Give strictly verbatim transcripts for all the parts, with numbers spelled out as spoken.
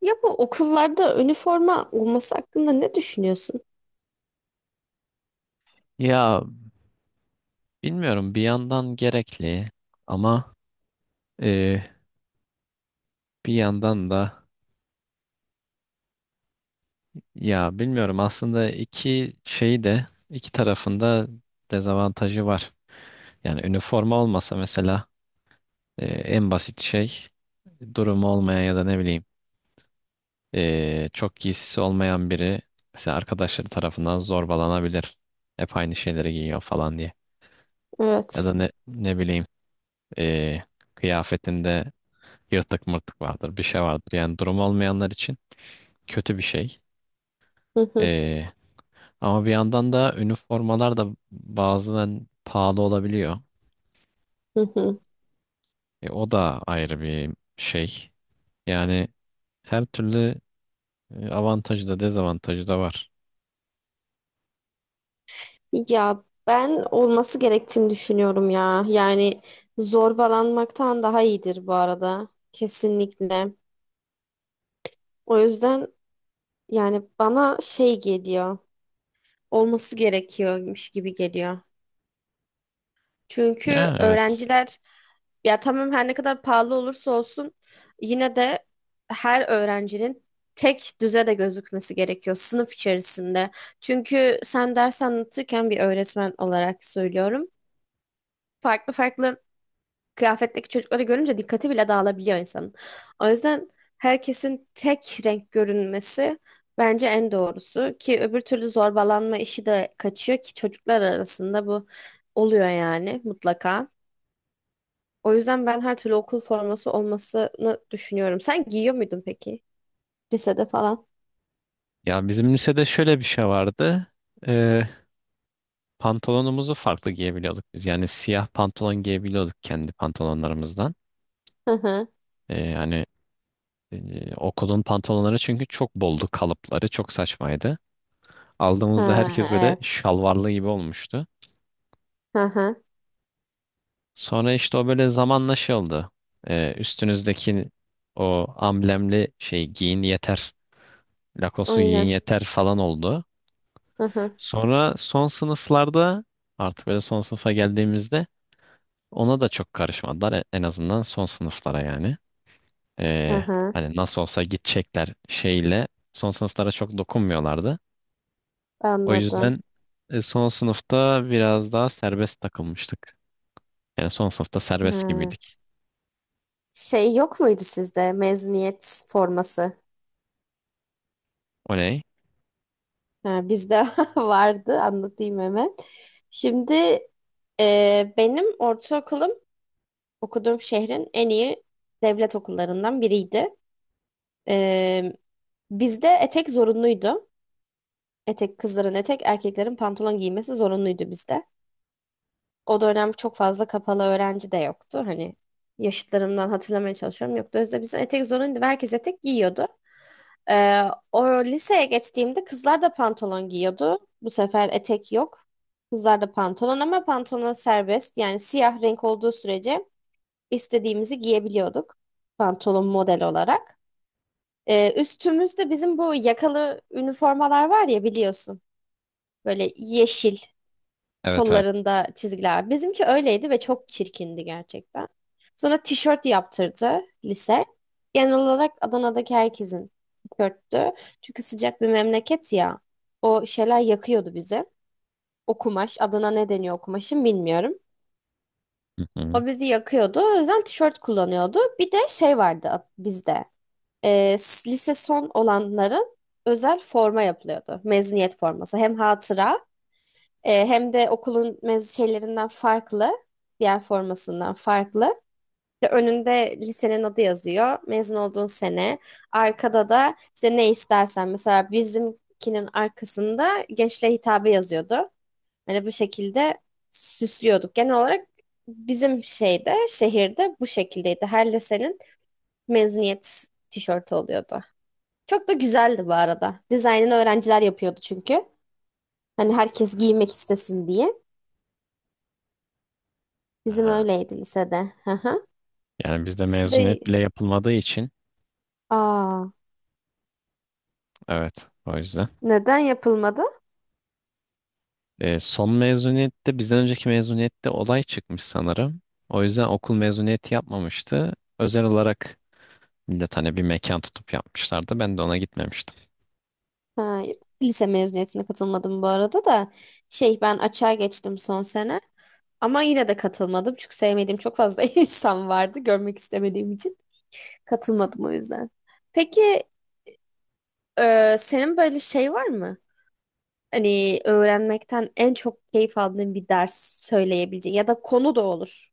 Ya bu okullarda üniforma olması hakkında ne düşünüyorsun? Ya bilmiyorum bir yandan gerekli ama e, bir yandan da ya bilmiyorum aslında iki şeyi de iki tarafında dezavantajı var. Yani üniforma olmasa mesela e, en basit şey durumu olmayan ya da ne bileyim e, çok giysisi olmayan biri mesela arkadaşları tarafından zorbalanabilir. Hep aynı şeyleri giyiyor falan diye. Ya da Evet. ne, ne bileyim e, kıyafetinde yırtık mırtık vardır bir şey vardır. Yani durum olmayanlar için kötü bir şey. Hı hı, Ee, Ama bir yandan da üniformalar da bazen pahalı olabiliyor. hı hı. E, o da ayrı bir şey. Yani her türlü e, avantajı da dezavantajı da var. Ya ben olması gerektiğini düşünüyorum ya. Yani zorbalanmaktan daha iyidir bu arada. Kesinlikle. O yüzden yani bana şey geliyor. Olması gerekiyormuş gibi geliyor. Çünkü Ya, evet. öğrenciler ya tamam her ne kadar pahalı olursa olsun yine de her öğrencinin tek düze de gözükmesi gerekiyor sınıf içerisinde. Çünkü sen ders anlatırken bir öğretmen olarak söylüyorum. Farklı farklı kıyafetteki çocukları görünce dikkati bile dağılabiliyor insanın. O yüzden herkesin tek renk görünmesi bence en doğrusu ki öbür türlü zorbalanma işi de kaçıyor ki çocuklar arasında bu oluyor yani mutlaka. O yüzden ben her türlü okul forması olmasını düşünüyorum. Sen giyiyor muydun peki? Lisede falan. Ya bizim lisede şöyle bir şey vardı. Ee, Pantolonumuzu farklı giyebiliyorduk biz. Yani siyah pantolon giyebiliyorduk kendi pantolonlarımızdan. Hı hı. Ee, hani e, okulun pantolonları çünkü çok boldu, kalıpları çok saçmaydı. Aldığımızda herkes Ha, böyle evet. şalvarlı gibi olmuştu. Hı hı. Sonra işte o böyle zamanla şey oldu. Ee, üstünüzdeki o amblemli şey giyin yeter, Lacoste'u giyin Aynen. yeter falan oldu. Hı hı. Sonra son sınıflarda artık böyle son sınıfa geldiğimizde ona da çok karışmadılar. E- En azından son sınıflara yani. Hı Ee, hı. Hani nasıl olsa gidecekler şeyle son sınıflara çok dokunmuyorlardı. O Anladım. yüzden e, son sınıfta biraz daha serbest takılmıştık. Yani son sınıfta serbest Hı. gibiydik. Şey yok muydu sizde mezuniyet forması? Oley. Ha, bizde vardı. Anlatayım hemen. Şimdi e, benim ortaokulum okuduğum şehrin en iyi devlet okullarından biriydi. E, bizde etek zorunluydu. Etek kızların etek, erkeklerin pantolon giymesi zorunluydu bizde. O dönem çok fazla kapalı öğrenci de yoktu. Hani yaşıtlarımdan hatırlamaya çalışıyorum. Yoktu. O yüzden bize etek zorunluydu ve herkes etek giyiyordu. Ee, o liseye geçtiğimde kızlar da pantolon giyiyordu. Bu sefer etek yok. Kızlar da pantolon ama pantolon serbest. Yani siyah renk olduğu sürece istediğimizi giyebiliyorduk. Pantolon model olarak. Ee, üstümüzde bizim bu yakalı üniformalar var ya biliyorsun. Böyle yeşil. Evet, evet. Kollarında çizgiler. Bizimki öyleydi ve çok çirkindi gerçekten. Sonra tişört yaptırdı lise. Genel olarak Adana'daki herkesin tişörttü. Çünkü sıcak bir memleket ya. O şeyler yakıyordu bizi. O kumaş, adına ne deniyor o kumaşın bilmiyorum. Hı hı. O bizi yakıyordu. O yüzden tişört kullanıyordu. Bir de şey vardı at- bizde. Ee, s- lise son olanların özel forma yapılıyordu. Mezuniyet forması. Hem hatıra e, hem de okulun mez şeylerinden farklı, diğer formasından farklı. İşte önünde lisenin adı yazıyor, mezun olduğun sene. Arkada da işte ne istersen mesela bizimkinin arkasında gençliğe hitabı yazıyordu. Hani bu şekilde süslüyorduk. Genel olarak bizim şeyde, şehirde bu şekildeydi. Her lisenin mezuniyet tişörtü oluyordu. Çok da güzeldi bu arada. Dizaynını öğrenciler yapıyordu çünkü. Hani herkes giymek istesin diye. Bizim Ha. öyleydi lisede. Hı hı. Yani bizde Sizde mezuniyet bile yapılmadığı için, Aa, evet, o yüzden. neden yapılmadı? E, son mezuniyette bizden önceki mezuniyette olay çıkmış sanırım. O yüzden okul mezuniyeti yapmamıştı. Özel olarak millet hani bir mekan tutup yapmışlardı. Ben de ona gitmemiştim. Ha, lise mezuniyetine katılmadım bu arada da. Şey ben açığa geçtim son sene. Ama yine de katılmadım. Çünkü sevmediğim çok fazla insan vardı. Görmek istemediğim için. Katılmadım o yüzden. Peki e, senin böyle şey var mı? Hani öğrenmekten en çok keyif aldığın bir ders söyleyebileceğin ya da konu da olur.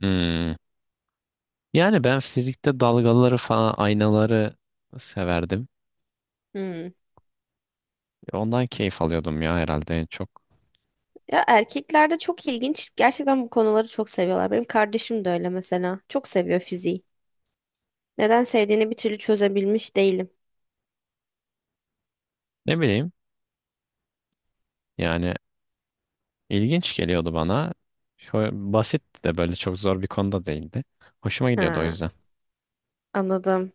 Hmm. Yani ben fizikte dalgaları falan, aynaları severdim. Hmm. Ondan keyif alıyordum ya, herhalde en çok. Ya erkeklerde çok ilginç. Gerçekten bu konuları çok seviyorlar. Benim kardeşim de öyle mesela. Çok seviyor fiziği. Neden sevdiğini bir türlü çözebilmiş değilim. Ne bileyim, yani İlginç geliyordu bana. Şöyle basit de, böyle çok zor bir konuda değildi. Hoşuma gidiyordu o Ha, yüzden. anladım.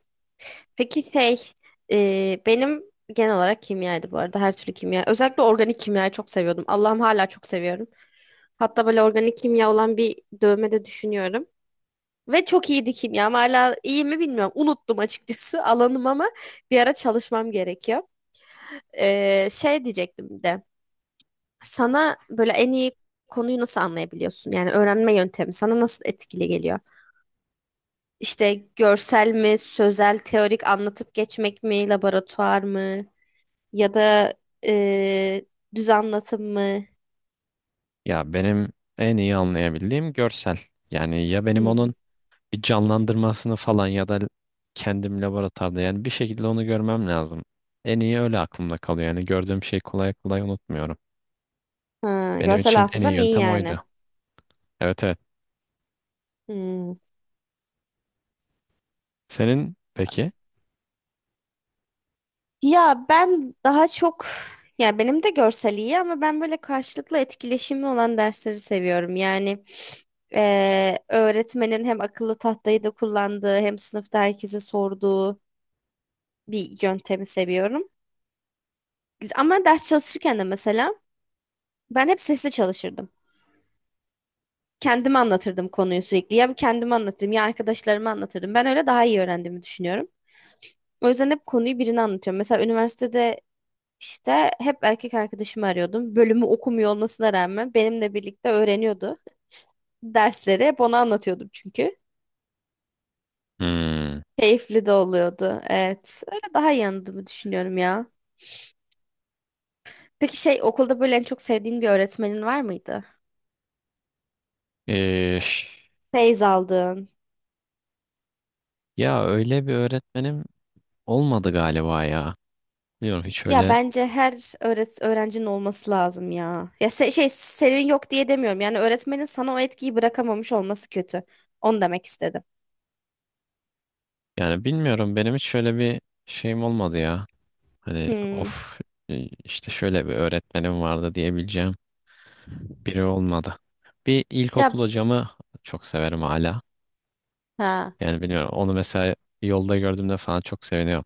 Peki şey, e, benim genel olarak kimyaydı bu arada. Her türlü kimya. Özellikle organik kimyayı çok seviyordum. Allah'ım hala çok seviyorum. Hatta böyle organik kimya olan bir dövme de düşünüyorum. Ve çok iyiydi kimyam. Hala iyi mi bilmiyorum. Unuttum açıkçası alanım ama bir ara çalışmam gerekiyor. Ee, şey diyecektim bir de. sana böyle en iyi konuyu nasıl anlayabiliyorsun? Yani öğrenme yöntemi sana nasıl etkili geliyor? İşte görsel mi, sözel, teorik anlatıp geçmek mi, laboratuvar mı ya da e, düz anlatım mı? Ya benim en iyi anlayabildiğim görsel. Yani ya benim Hmm. onun bir canlandırmasını falan ya da kendim laboratuvarda, yani bir şekilde onu görmem lazım. En iyi öyle aklımda kalıyor. Yani gördüğüm şeyi kolay kolay unutmuyorum. Ha, Benim Hmm. görsel için en iyi hafızan iyi yöntem yani. oydu. Evet, evet. Hmm. Senin peki? Ya ben daha çok ya benim de görsel iyi ama ben böyle karşılıklı etkileşimli olan dersleri seviyorum. Yani eee, öğretmenin hem akıllı tahtayı da kullandığı hem sınıfta herkese sorduğu bir yöntemi seviyorum. Ama ders çalışırken de mesela ben hep sesli çalışırdım. Kendime anlatırdım konuyu sürekli. Ya kendime anlatırdım ya arkadaşlarıma anlatırdım. Ben öyle daha iyi öğrendiğimi düşünüyorum. O yüzden hep konuyu birine anlatıyorum. Mesela üniversitede İşte hep erkek arkadaşımı arıyordum. Bölümü okumuyor olmasına rağmen benimle birlikte öğreniyordu. Dersleri hep ona anlatıyordum çünkü. Hmm. Keyifli de oluyordu. Evet. Öyle daha iyi anladığımı düşünüyorum ya. Peki şey okulda böyle en çok sevdiğin bir öğretmenin var mıydı? Ee, ş- Feyz aldığın. ya öyle bir öğretmenim olmadı galiba ya. Biliyorum hiç Ya öyle. bence her öğret öğrencinin olması lazım ya. Ya se- şey senin yok diye demiyorum. Yani öğretmenin sana o etkiyi bırakamamış olması kötü. Onu demek istedim. Yani bilmiyorum, benim hiç şöyle bir şeyim olmadı ya. Hani Hmm. of, e, işte şöyle bir öğretmenim vardı diyebileceğim biri olmadı. Bir ilkokul Ya hocamı çok severim hala. ha. Yani bilmiyorum, onu mesela yolda gördüğümde falan çok seviniyorum.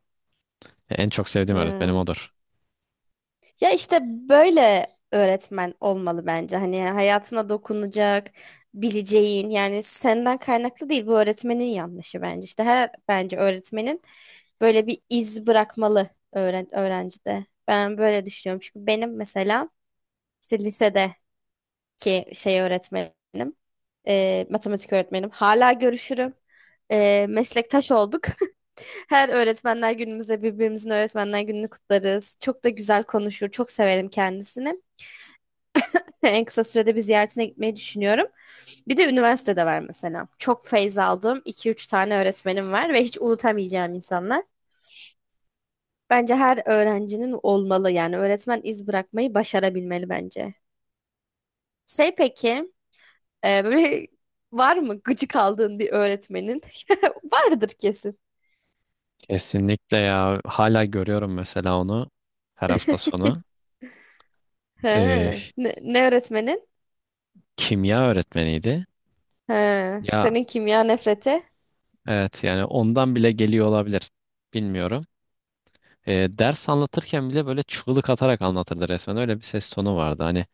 En çok sevdiğim öğretmenim Hmm. odur. Ya işte böyle öğretmen olmalı bence. Hani hayatına dokunacak, bileceğin yani senden kaynaklı değil bu öğretmenin yanlışı bence. İşte her bence öğretmenin böyle bir iz bırakmalı öğren öğrencide. Ben böyle düşünüyorum. Çünkü benim mesela işte lisede ki şey öğretmenim, e, matematik öğretmenim. Hala görüşürüm. E, meslektaş olduk. Her öğretmenler günümüzde birbirimizin öğretmenler gününü kutlarız. Çok da güzel konuşur. Çok severim kendisini. En kısa sürede bir ziyaretine gitmeyi düşünüyorum. Bir de üniversitede var mesela. Çok feyz aldığım iki üç tane öğretmenim var ve hiç unutamayacağım insanlar. Bence her öğrencinin olmalı yani öğretmen iz bırakmayı başarabilmeli bence. Şey peki, Ee, böyle var mı gıcık aldığın bir öğretmenin? Vardır kesin. Kesinlikle ya, hala görüyorum mesela onu her hafta sonu. He. Ee, Ne, ne öğretmenin? Kimya öğretmeniydi. He. Ya Senin kimya nefreti. evet, yani ondan bile geliyor olabilir. Bilmiyorum. Ee, ders anlatırken bile böyle çığlık atarak anlatırdı resmen. Öyle bir ses tonu vardı. Hani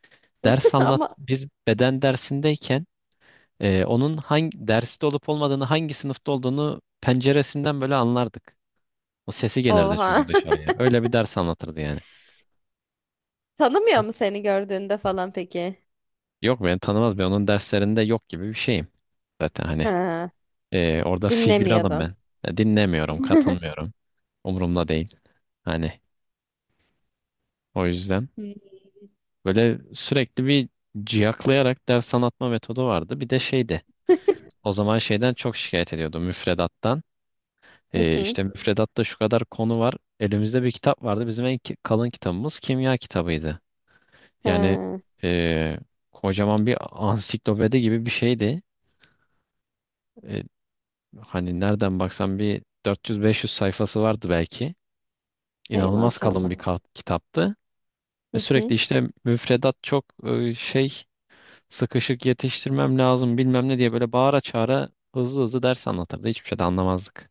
ders anlat Ama biz beden dersindeyken e, onun hangi derste olup olmadığını, hangi sınıfta olduğunu penceresinden böyle anlardık. O sesi gelirdi oha. çünkü dışarıya. Öyle bir ders anlatırdı yani. Tanımıyor Çok- mu seni gördüğünde falan peki? Yok, beni tanımaz, ben onun derslerinde yok gibi bir şeyim. Zaten hani Ha. e, orada figüranım Dinlemiyordun. ben. Ya dinlemiyorum, katılmıyorum. Umurumda değil. Hani o yüzden Hı böyle sürekli bir ciyaklayarak ders anlatma metodu vardı. Bir de şeydi. O zaman şeyden çok şikayet ediyordu, müfredattan. hı. Ee, hı. işte müfredatta şu kadar konu var. Elimizde bir kitap vardı. Bizim en ki- kalın kitabımız kimya kitabıydı. Yani Ha. ee, kocaman bir ansiklopedi gibi bir şeydi. Ee, Hani nereden baksan bir dört yüz beş yüz sayfası vardı belki. Hey İnanılmaz kalın maşallah. bir ka- kitaptı. Ve Hı hı. sürekli işte müfredat çok e, şey, sıkışık, yetiştirmem lazım bilmem ne diye böyle bağıra çağıra hızlı hızlı ders anlatırdı. Hiçbir şey de anlamazdık.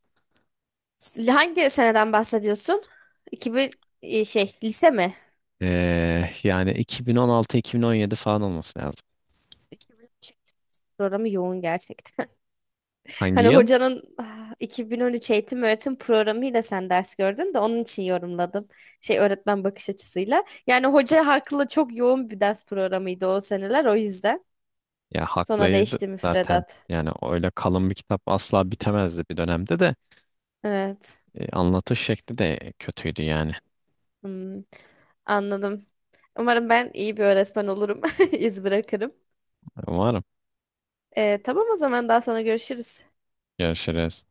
S- Hangi seneden bahsediyorsun? iki bin e, şey lise mi? Ee, yani iki bin on altı-iki bin on yedi falan olması lazım. iki bin on üç. Programı yoğun gerçekten. Hangi Hani yıl? hocanın ah, iki bin on üç eğitim öğretim programıyla sen ders gördün de onun için yorumladım. Şey öğretmen bakış açısıyla. Yani hoca haklı çok yoğun bir ders programıydı o seneler o yüzden. Ya Sonra haklıydı değişti zaten. müfredat. Yani öyle kalın bir kitap asla bitemezdi bir dönemde de. Evet. Ee, anlatış şekli de kötüydü yani. Hmm, anladım. Umarım ben iyi bir öğretmen olurum. İz bırakırım. Umarım. Ee, tamam o zaman daha sonra görüşürüz. Görüşürüz.